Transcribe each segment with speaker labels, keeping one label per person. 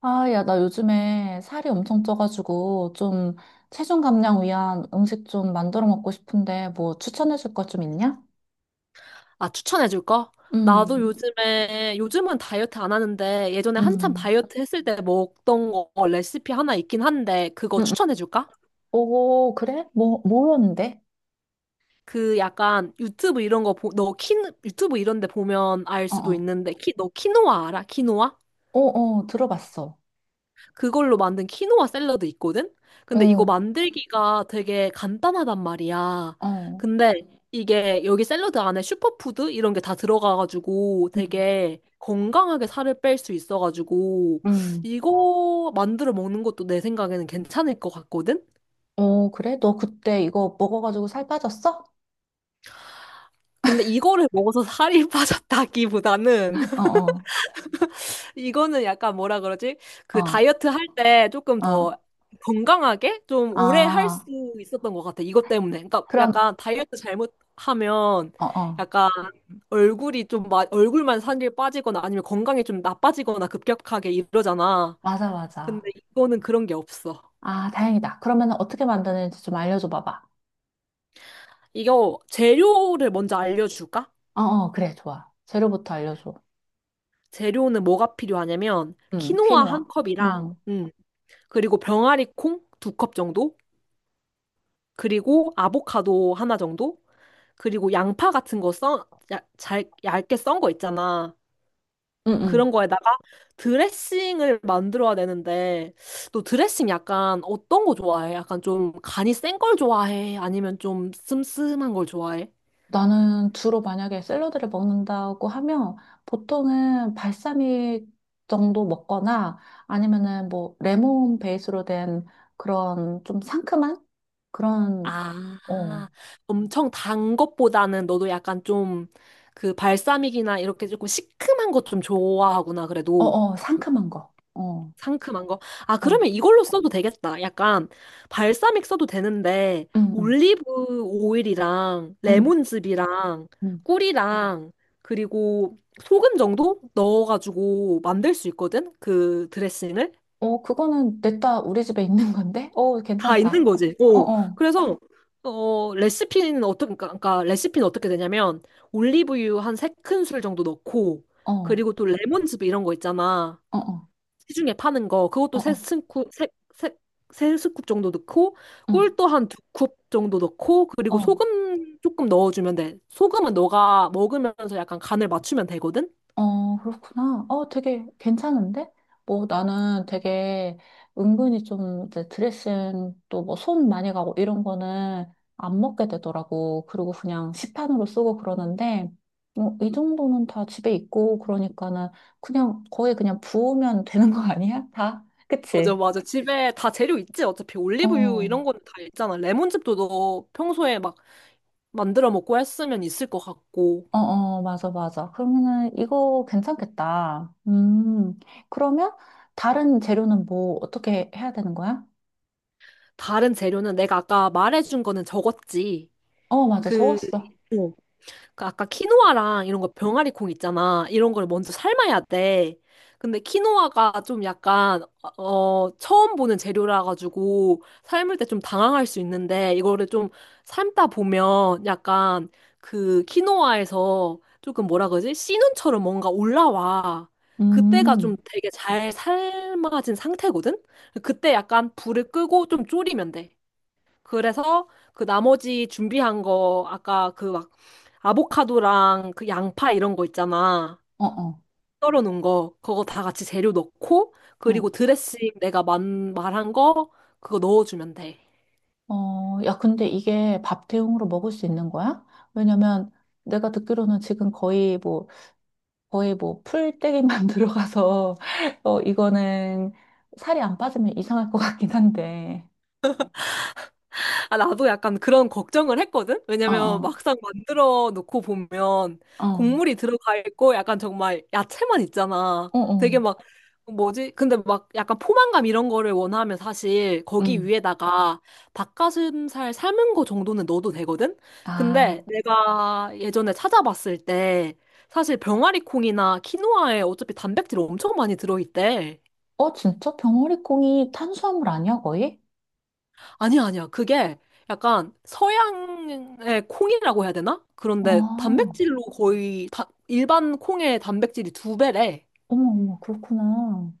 Speaker 1: 아, 야, 나 요즘에 살이 엄청 쪄가지고 좀 체중 감량 위한 음식 좀 만들어 먹고 싶은데 뭐 추천해 줄 거 좀 있냐?
Speaker 2: 아, 추천해줄 거? 나도
Speaker 1: 음,
Speaker 2: 요즘은 다이어트 안 하는데, 예전에 한참
Speaker 1: 음.
Speaker 2: 다이어트 했을 때 먹던 거 레시피 하나 있긴 한데, 그거
Speaker 1: 음, 음.
Speaker 2: 추천해줄까?
Speaker 1: 오, 그래? 뭐였는데?
Speaker 2: 그 약간 유튜브 이런 데 보면 알
Speaker 1: 어,
Speaker 2: 수도
Speaker 1: 어.
Speaker 2: 있는데, 너 키노아 알아? 키노아?
Speaker 1: 어, 어, 들어봤어.
Speaker 2: 그걸로 만든 키노아 샐러드 있거든? 근데 이거
Speaker 1: 어,
Speaker 2: 만들기가 되게 간단하단 말이야.
Speaker 1: 어.
Speaker 2: 근데 이게 여기 샐러드 안에 슈퍼푸드 이런 게 다 들어가가지고
Speaker 1: 음.
Speaker 2: 되게 건강하게 살을 뺄 수 있어가지고
Speaker 1: 음.
Speaker 2: 이거 만들어 먹는 것도 내 생각에는 괜찮을 것 같거든?
Speaker 1: 어, 그래? 너 그때 이거 먹어가지고 살 빠졌어?
Speaker 2: 근데 이거를 먹어서 살이 빠졌다기보다는
Speaker 1: 어, 어,
Speaker 2: 이거는 약간 뭐라 그러지? 그
Speaker 1: 어,
Speaker 2: 다이어트 할 때 조금 더
Speaker 1: 어.
Speaker 2: 건강하게 좀 오래 할 수
Speaker 1: 아,
Speaker 2: 있었던 것 같아. 이것 때문에. 그러니까
Speaker 1: 그럼,
Speaker 2: 약간 다이어트 잘못하면
Speaker 1: 어, 어.
Speaker 2: 약간 얼굴이 좀 얼굴만 살이 빠지거나 아니면 건강이 좀 나빠지거나 급격하게 이러잖아.
Speaker 1: 맞아, 맞아.
Speaker 2: 근데 이거는 그런 게 없어.
Speaker 1: 아, 다행이다. 그러면 은 어떻게 만드는지 좀 알려줘 봐봐.
Speaker 2: 이거 재료를 먼저 알려줄까?
Speaker 1: 어, 어, 그래, 좋아. 재료부터 알려줘.
Speaker 2: 재료는 뭐가 필요하냐면
Speaker 1: 응,
Speaker 2: 키노아 한
Speaker 1: 퀴노아. 어,
Speaker 2: 컵이랑 그리고 병아리 콩 두 컵 정도 그리고 아보카도 하나 정도 그리고 양파 같은 거 얇게 썬 거 있잖아.
Speaker 1: 응, 응.
Speaker 2: 그런 거에다가 드레싱을 만들어야 되는데, 너 드레싱 약간 어떤 거 좋아해? 약간 좀 간이 센 걸 좋아해? 아니면 좀 슴슴한 걸 좋아해?
Speaker 1: 나는 주로 만약에 샐러드를 먹는다고 하면 보통은 발사믹 정도 먹거나 아니면은 뭐 레몬 베이스로 된 그런 좀 상큼한 그런,
Speaker 2: 아,
Speaker 1: 어,
Speaker 2: 엄청 단 것보다는 너도 약간 좀 그 발사믹이나 이렇게 조금 시큼한 것 좀 좋아하구나,
Speaker 1: 어,
Speaker 2: 그래도.
Speaker 1: 어, 상큼한 거. 어,
Speaker 2: 상큼한 거. 아,
Speaker 1: 어,
Speaker 2: 그러면 이걸로 써도 되겠다. 약간 발사믹 써도 되는데
Speaker 1: 응, 응,
Speaker 2: 올리브 오일이랑
Speaker 1: 응,
Speaker 2: 레몬즙이랑
Speaker 1: 응.
Speaker 2: 꿀이랑 그리고 소금 정도 넣어가지고 만들 수 있거든. 그 드레싱을.
Speaker 1: 어, 그거는 냅다 우리 집에 있는 건데? 어,
Speaker 2: 다
Speaker 1: 괜찮다.
Speaker 2: 있는 거지.
Speaker 1: 어,
Speaker 2: 어.
Speaker 1: 어,
Speaker 2: 그래서 레시피는 어떻게 되냐면 올리브유 한 세큰술 정도 넣고
Speaker 1: 어, 어,
Speaker 2: 그리고 또 레몬즙 이런 거 있잖아.
Speaker 1: 어,
Speaker 2: 시중에 파는 거
Speaker 1: 어,
Speaker 2: 그것도 세
Speaker 1: 어,
Speaker 2: 스쿱 세, 세 스쿱 정도 넣고
Speaker 1: 응,
Speaker 2: 꿀도 한 두 컵 정도 넣고 그리고
Speaker 1: 어.
Speaker 2: 소금 조금 넣어주면 돼. 소금은 너가 먹으면서 약간 간을 맞추면 되거든.
Speaker 1: 어, 그렇구나. 어, 되게 괜찮은데? 뭐 나는 되게 은근히 좀 이제 드레싱 또 뭐 손 많이 가고 이런 거는 안 먹게 되더라고. 그리고 그냥 시판으로 쓰고 그러는데, 뭐 이 정도는 다 집에 있고 그러니까는 그냥 거의 그냥 부으면 되는 거 아니야? 다?
Speaker 2: 맞아,
Speaker 1: 그치?
Speaker 2: 맞아. 집에 다 재료 있지. 어차피
Speaker 1: 어,
Speaker 2: 올리브유
Speaker 1: 어,
Speaker 2: 이런 건 다 있잖아. 레몬즙도 너 평소에 막 만들어 먹고 했으면 있을 것 같고.
Speaker 1: 어, 맞아, 맞아. 그러면은 이거 괜찮겠다. 그러면 다른 재료는 뭐 어떻게 해야 되는 거야?
Speaker 2: 다른 재료는 내가 아까 말해준 거는 적었지.
Speaker 1: 어, 맞아.
Speaker 2: 그,
Speaker 1: 적었어.
Speaker 2: 그 아까 키노아랑 이런 거 병아리 콩 있잖아. 이런 걸 먼저 삶아야 돼. 근데 키노아가 좀 약간 처음 보는 재료라 가지고 삶을 때 좀 당황할 수 있는데 이거를 좀 삶다 보면 약간 그 키노아에서 조금 뭐라 그러지? 씨눈처럼 뭔가 올라와. 그때가 좀
Speaker 1: 음,
Speaker 2: 되게 잘 삶아진 상태거든? 그때 약간 불을 끄고 좀 졸이면 돼. 그래서 그 나머지 준비한 거 아까 그 막 아보카도랑 그 양파 이런 거 있잖아.
Speaker 1: 어, 어,
Speaker 2: 썰어 놓은 거 그거 다 같이 재료 넣고
Speaker 1: 어,
Speaker 2: 그리고 드레싱 내가 말한 거 그거 넣어주면 돼.
Speaker 1: 어, 야, 근데 이게 밥 대용으로 먹을 수 있는 거야? 왜냐면 내가 듣기로는 지금 거의 뭐, 거의 뭐, 풀떼기만 들어가서, 어, 이거는 살이 안 빠지면 이상할 것 같긴 한데.
Speaker 2: 아, 나도 약간 그런 걱정을 했거든?
Speaker 1: 어,
Speaker 2: 왜냐면
Speaker 1: 어,
Speaker 2: 막상 만들어 놓고 보면
Speaker 1: 어,
Speaker 2: 곡물이 들어가 있고 약간 정말 야채만 있잖아.
Speaker 1: 어, 어.
Speaker 2: 되게 막, 뭐지? 근데 막 약간 포만감 이런 거를 원하면 사실 거기
Speaker 1: 음,
Speaker 2: 위에다가 닭가슴살 삶은 거 정도는 넣어도 되거든? 근데
Speaker 1: 아,
Speaker 2: 내가 예전에 찾아봤을 때 사실 병아리 콩이나 키노아에 어차피 단백질이 엄청 많이 들어있대.
Speaker 1: 어, 진짜? 병어리콩이 탄수화물 아니야, 거의?
Speaker 2: 아니야, 아니야. 그게 약간 서양의 콩이라고 해야 되나? 그런데
Speaker 1: 아..
Speaker 2: 단백질로 거의 다, 일반 콩의 단백질이 두 배래.
Speaker 1: 어머, 어머, 그렇구나.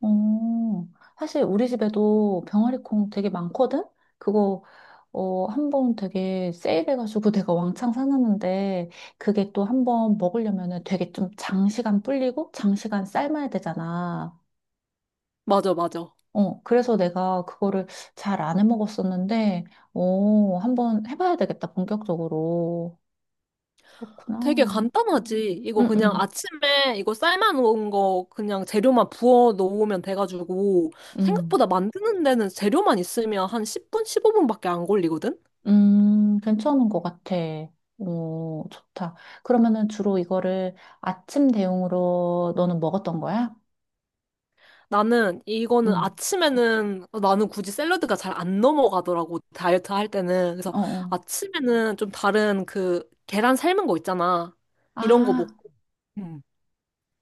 Speaker 1: 어, 사실 우리 집에도 병아리콩 되게 많거든? 그거, 어, 한 번 되게 세일해가지고 내가 왕창 사놨는데, 그게 또 한 번 먹으려면은 되게 좀 장시간 불리고, 장시간 삶아야 되잖아.
Speaker 2: 맞아, 맞아.
Speaker 1: 어, 그래서 내가 그거를 잘 안 해 먹었었는데, 어, 한번 해봐야 되겠다, 본격적으로.
Speaker 2: 되게
Speaker 1: 그렇구나.
Speaker 2: 간단하지. 이거
Speaker 1: 응,
Speaker 2: 그냥
Speaker 1: 응,
Speaker 2: 아침에 이거 삶아 놓은 거 그냥 재료만 부어 놓으면 돼가지고
Speaker 1: 응.
Speaker 2: 생각보다 만드는 데는 재료만 있으면 한 10분, 15분밖에 안 걸리거든?
Speaker 1: 괜찮은 것 같아. 오, 좋다. 그러면은 주로 이거를 아침 대용으로 너는 먹었던 거야?
Speaker 2: 나는 이거는
Speaker 1: 응,
Speaker 2: 아침에는 나는 굳이 샐러드가 잘 안 넘어가더라고. 다이어트 할 때는 그래서
Speaker 1: 어, 어,
Speaker 2: 아침에는 좀 다른 그 계란 삶은 거 있잖아. 이런 거
Speaker 1: 아,
Speaker 2: 먹고.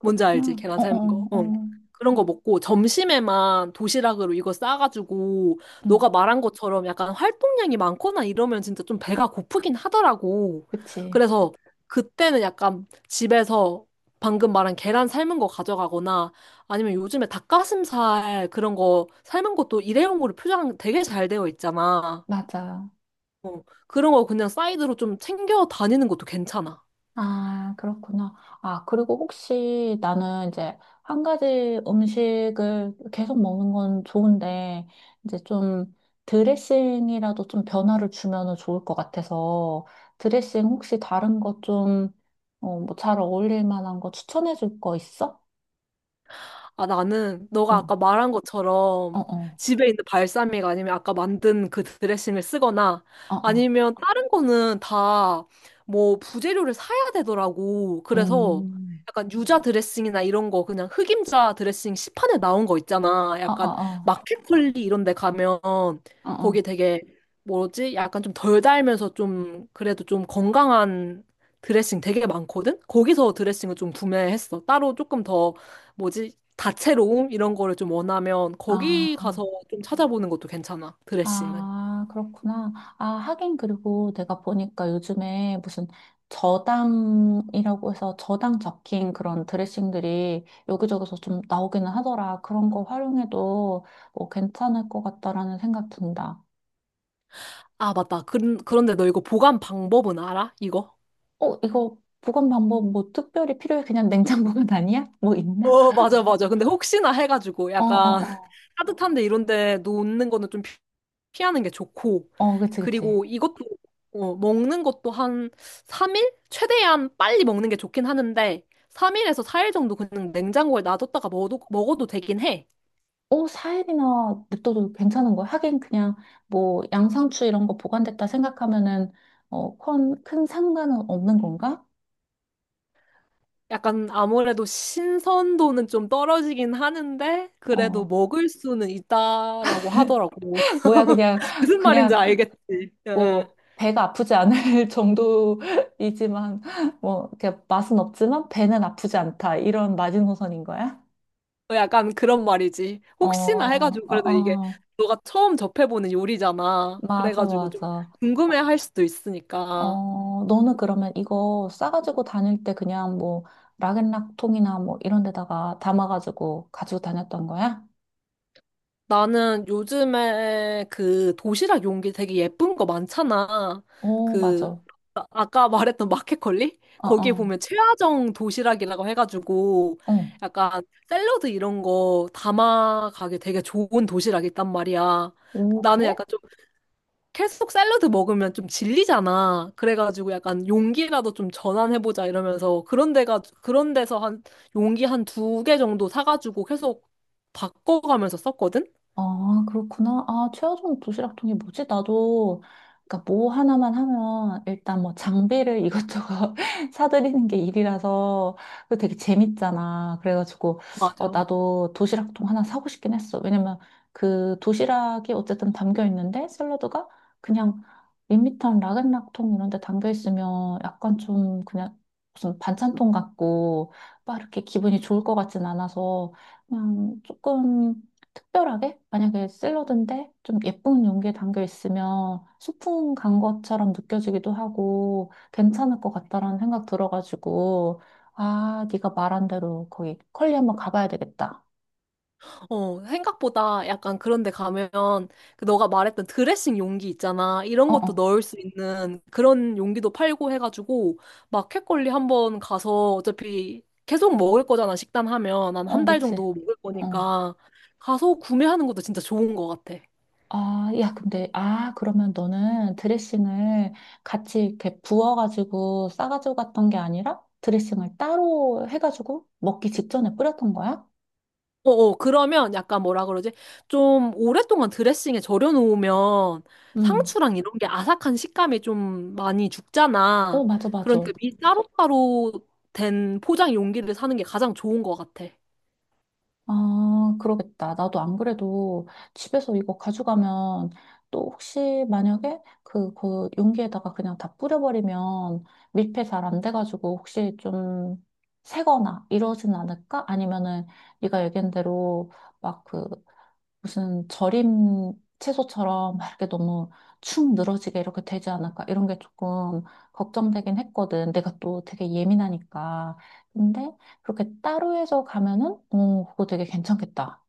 Speaker 2: 뭔지 알지? 계란
Speaker 1: 어,
Speaker 2: 삶은 거.
Speaker 1: 어,
Speaker 2: 어.
Speaker 1: 어.
Speaker 2: 그런 거 먹고 점심에만 도시락으로 이거 싸가지고
Speaker 1: 응,
Speaker 2: 너가 말한 것처럼 약간 활동량이 많거나 이러면 진짜 좀 배가 고프긴 하더라고.
Speaker 1: 그치.
Speaker 2: 그래서 그때는 약간 집에서 방금 말한 계란 삶은 거 가져가거나 아니면 요즘에 닭가슴살 그런 거 삶은 것도 일회용으로 포장 되게 잘 되어 있잖아.
Speaker 1: 맞아.
Speaker 2: 어, 그런 거 그냥 사이드로 좀 챙겨 다니는 것도 괜찮아.
Speaker 1: 아, 그렇구나. 아, 그리고 혹시 나는 이제 한 가지 음식을 계속 먹는 건 좋은데, 이제 좀 드레싱이라도 좀 변화를 주면은 좋을 것 같아서, 드레싱 혹시 다른 거 좀, 어, 뭐 잘 어울릴 만한 거 추천해 줄 거 있어?
Speaker 2: 아, 나는 너가
Speaker 1: 응,
Speaker 2: 아까 말한
Speaker 1: 어,
Speaker 2: 것처럼
Speaker 1: 어,
Speaker 2: 집에 있는 발사믹 아니면 아까 만든 그 드레싱을 쓰거나
Speaker 1: 어, 어,
Speaker 2: 아니면 다른 거는 다 뭐 부재료를 사야 되더라고. 그래서
Speaker 1: 음,
Speaker 2: 약간 유자 드레싱이나 이런 거 그냥 흑임자 드레싱 시판에 나온 거 있잖아.
Speaker 1: 어,
Speaker 2: 약간
Speaker 1: 어,
Speaker 2: 마켓컬리 이런 데 가면
Speaker 1: 어, 어,
Speaker 2: 거기
Speaker 1: 어.
Speaker 2: 되게 뭐지? 약간 좀 덜 달면서 좀 그래도 좀 건강한 드레싱 되게 많거든? 거기서 드레싱을 좀 구매했어. 따로 조금 더 뭐지? 다채로움 이런 거를 좀 원하면 거기
Speaker 1: 아.
Speaker 2: 가서 좀 찾아보는 것도 괜찮아. 드레싱은.
Speaker 1: 아, 그렇구나. 아, 하긴 그리고 내가 보니까 요즘에 무슨 저당이라고 해서 저당 적힌 그런 드레싱들이 여기저기서 좀 나오기는 하더라. 그런 거 활용해도 뭐 괜찮을 것 같다라는 생각 든다.
Speaker 2: 아, 맞다. 그런데 너 이거 보관 방법은 알아? 이거?
Speaker 1: 어, 이거 보관 방법 뭐 특별히 필요해? 그냥 냉장보관 아니야? 뭐 있나?
Speaker 2: 어, 맞아, 맞아. 근데 혹시나 해가지고
Speaker 1: 어, 어,
Speaker 2: 약간
Speaker 1: 어.
Speaker 2: 따뜻한데 이런데 놓는 거는 피하는 게 좋고.
Speaker 1: 어, 그치, 그치.
Speaker 2: 그리고 이것도, 먹는 것도 한 3일? 최대한 빨리 먹는 게 좋긴 하는데, 3일에서 4일 정도 그냥 냉장고에 놔뒀다가 먹어도 되긴 해.
Speaker 1: 어, 4일이나 냅둬도 괜찮은 거야. 하긴 그냥 뭐 양상추 이런 거 보관됐다 생각하면은 어, 큰 상관은 없는 건가?
Speaker 2: 약간 아무래도 신선도는 좀 떨어지긴 하는데 그래도
Speaker 1: 어,
Speaker 2: 먹을 수는 있다라고 하더라고.
Speaker 1: 뭐야 그냥
Speaker 2: 무슨 말인지
Speaker 1: 그냥
Speaker 2: 알겠지. 예, 예.
Speaker 1: 뭐 배가 아프지 않을 정도이지만 뭐 이렇게 맛은 없지만 배는 아프지 않다 이런 마지노선인 거야?
Speaker 2: 어, 약간 그런 말이지.
Speaker 1: 어,
Speaker 2: 혹시나 해가지고
Speaker 1: 어,
Speaker 2: 그래도 이게
Speaker 1: 어,
Speaker 2: 너가 처음 접해보는 요리잖아.
Speaker 1: 맞아,
Speaker 2: 그래가지고 좀
Speaker 1: 맞아.
Speaker 2: 궁금해할 수도 있으니까.
Speaker 1: 어, 너는 그러면 이거 싸가지고 다닐 때 그냥 뭐 락앤락통이나 뭐 이런 데다가 담아가지고 가지고 다녔던 거야?
Speaker 2: 나는 요즘에 그 도시락 용기 되게 예쁜 거 많잖아.
Speaker 1: 오, 맞아.
Speaker 2: 그
Speaker 1: 어,
Speaker 2: 아까 말했던 마켓컬리? 거기에
Speaker 1: 어,
Speaker 2: 보면 최하정 도시락이라고 해가지고
Speaker 1: 어.
Speaker 2: 약간 샐러드 이런 거 담아가기 되게 좋은 도시락이 있단 말이야.
Speaker 1: 오,
Speaker 2: 나는
Speaker 1: 그래?
Speaker 2: 약간 좀 계속 샐러드 먹으면 좀 질리잖아. 그래가지고 약간 용기라도 좀 전환해보자 이러면서 그런 데서 한 용기 한 두 개 정도 사가지고 계속 바꿔가면서 썼거든?
Speaker 1: 아, 그렇구나. 아, 최하종 도시락통이 뭐지? 나도, 그러니까 뭐 하나만 하면 일단 뭐 장비를 이것저것 사들이는 게 일이라서 그 되게 재밌잖아. 그래가지고, 어,
Speaker 2: 맞아.
Speaker 1: 나도 도시락통 하나 사고 싶긴 했어. 왜냐면 그 도시락이 어쨌든 담겨 있는데 샐러드가 그냥 밋밋한 락앤락통 이런 데 담겨 있으면 약간 좀 그냥 무슨 반찬통 같고 막 이렇게 기분이 좋을 것 같진 않아서 그냥 조금 특별하게? 만약에 샐러드인데 좀 예쁜 용기에 담겨 있으면 소풍 간 것처럼 느껴지기도 하고 괜찮을 것 같다라는 생각 들어가지고 아, 네가 말한 대로 거기 컬리 한번 가봐야 되겠다.
Speaker 2: 어, 생각보다 약간 그런 데 가면 그 너가 말했던 드레싱 용기 있잖아. 이런
Speaker 1: 어,
Speaker 2: 것도
Speaker 1: 어,
Speaker 2: 넣을 수 있는 그런 용기도 팔고 해가지고 마켓컬리 한번 가서 어차피 계속 먹을 거잖아. 식단 하면 난 한
Speaker 1: 어,
Speaker 2: 달
Speaker 1: 그치.
Speaker 2: 정도 먹을
Speaker 1: 어.
Speaker 2: 거니까 가서 구매하는 것도 진짜 좋은 것 같아.
Speaker 1: 아, 야, 근데, 아, 그러면 너는 드레싱을 같이 이렇게 부어가지고 싸가지고 갔던 게 아니라 드레싱을 따로 해가지고 먹기 직전에 뿌렸던 거야?
Speaker 2: 어어, 그러면 약간 뭐라 그러지? 좀 오랫동안 드레싱에 절여놓으면
Speaker 1: 응.
Speaker 2: 상추랑 이런 게 아삭한 식감이 좀 많이
Speaker 1: 어,
Speaker 2: 죽잖아.
Speaker 1: 맞아, 맞아.
Speaker 2: 그러니까 미 따로따로 된 포장 용기를 사는 게 가장 좋은 것 같아.
Speaker 1: 아, 그러겠다. 나도 안 그래도 집에서 이거 가져가면 또 혹시 만약에 그 용기에다가 그냥 다 뿌려버리면 밀폐 잘 안 돼가지고 혹시 좀 새거나 이러진 않을까? 아니면은 네가 얘기한 대로 막그 무슨 절임 채소처럼 막 이렇게 너무 축 늘어지게 이렇게 되지 않을까 이런 게 조금 걱정되긴 했거든. 내가 또 되게 예민하니까. 근데 그렇게 따로 해서 가면은 어 그거 되게 괜찮겠다.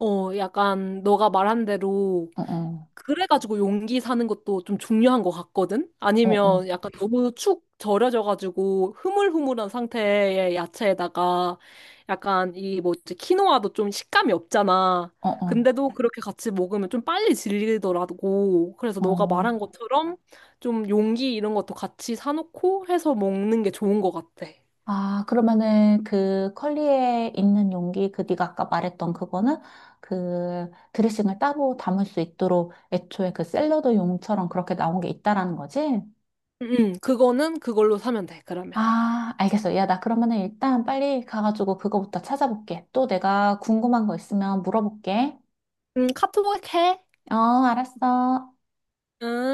Speaker 2: 어, 약간 너가 말한 대로
Speaker 1: 어어
Speaker 2: 그래가지고 용기 사는 것도 좀 중요한 것 같거든?
Speaker 1: 어어
Speaker 2: 아니면 약간 너무 축 절여져가지고 흐물흐물한 상태의 야채에다가 약간 이 뭐지, 키노아도 좀 식감이 없잖아.
Speaker 1: 어어 어.
Speaker 2: 근데도 그렇게 같이 먹으면 좀 빨리 질리더라고. 그래서
Speaker 1: 어, 어.
Speaker 2: 너가 말한
Speaker 1: 어.
Speaker 2: 것처럼 좀 용기 이런 것도 같이 사놓고 해서 먹는 게 좋은 것 같아.
Speaker 1: 아 그러면은 그 컬리에 있는 용기 그 네가 아까 말했던 그거는 그 드레싱을 따로 담을 수 있도록 애초에 그 샐러드 용처럼 그렇게 나온 게 있다라는 거지?
Speaker 2: 응, 응. 그거는 그걸로 사면 돼, 그러면.
Speaker 1: 아, 알겠어. 야, 나 그러면은 일단 빨리 가가지고 그거부터 찾아볼게. 또 내가 궁금한 거 있으면 물어볼게.
Speaker 2: 응, 카톡 해.
Speaker 1: 어, 알았어.
Speaker 2: 응.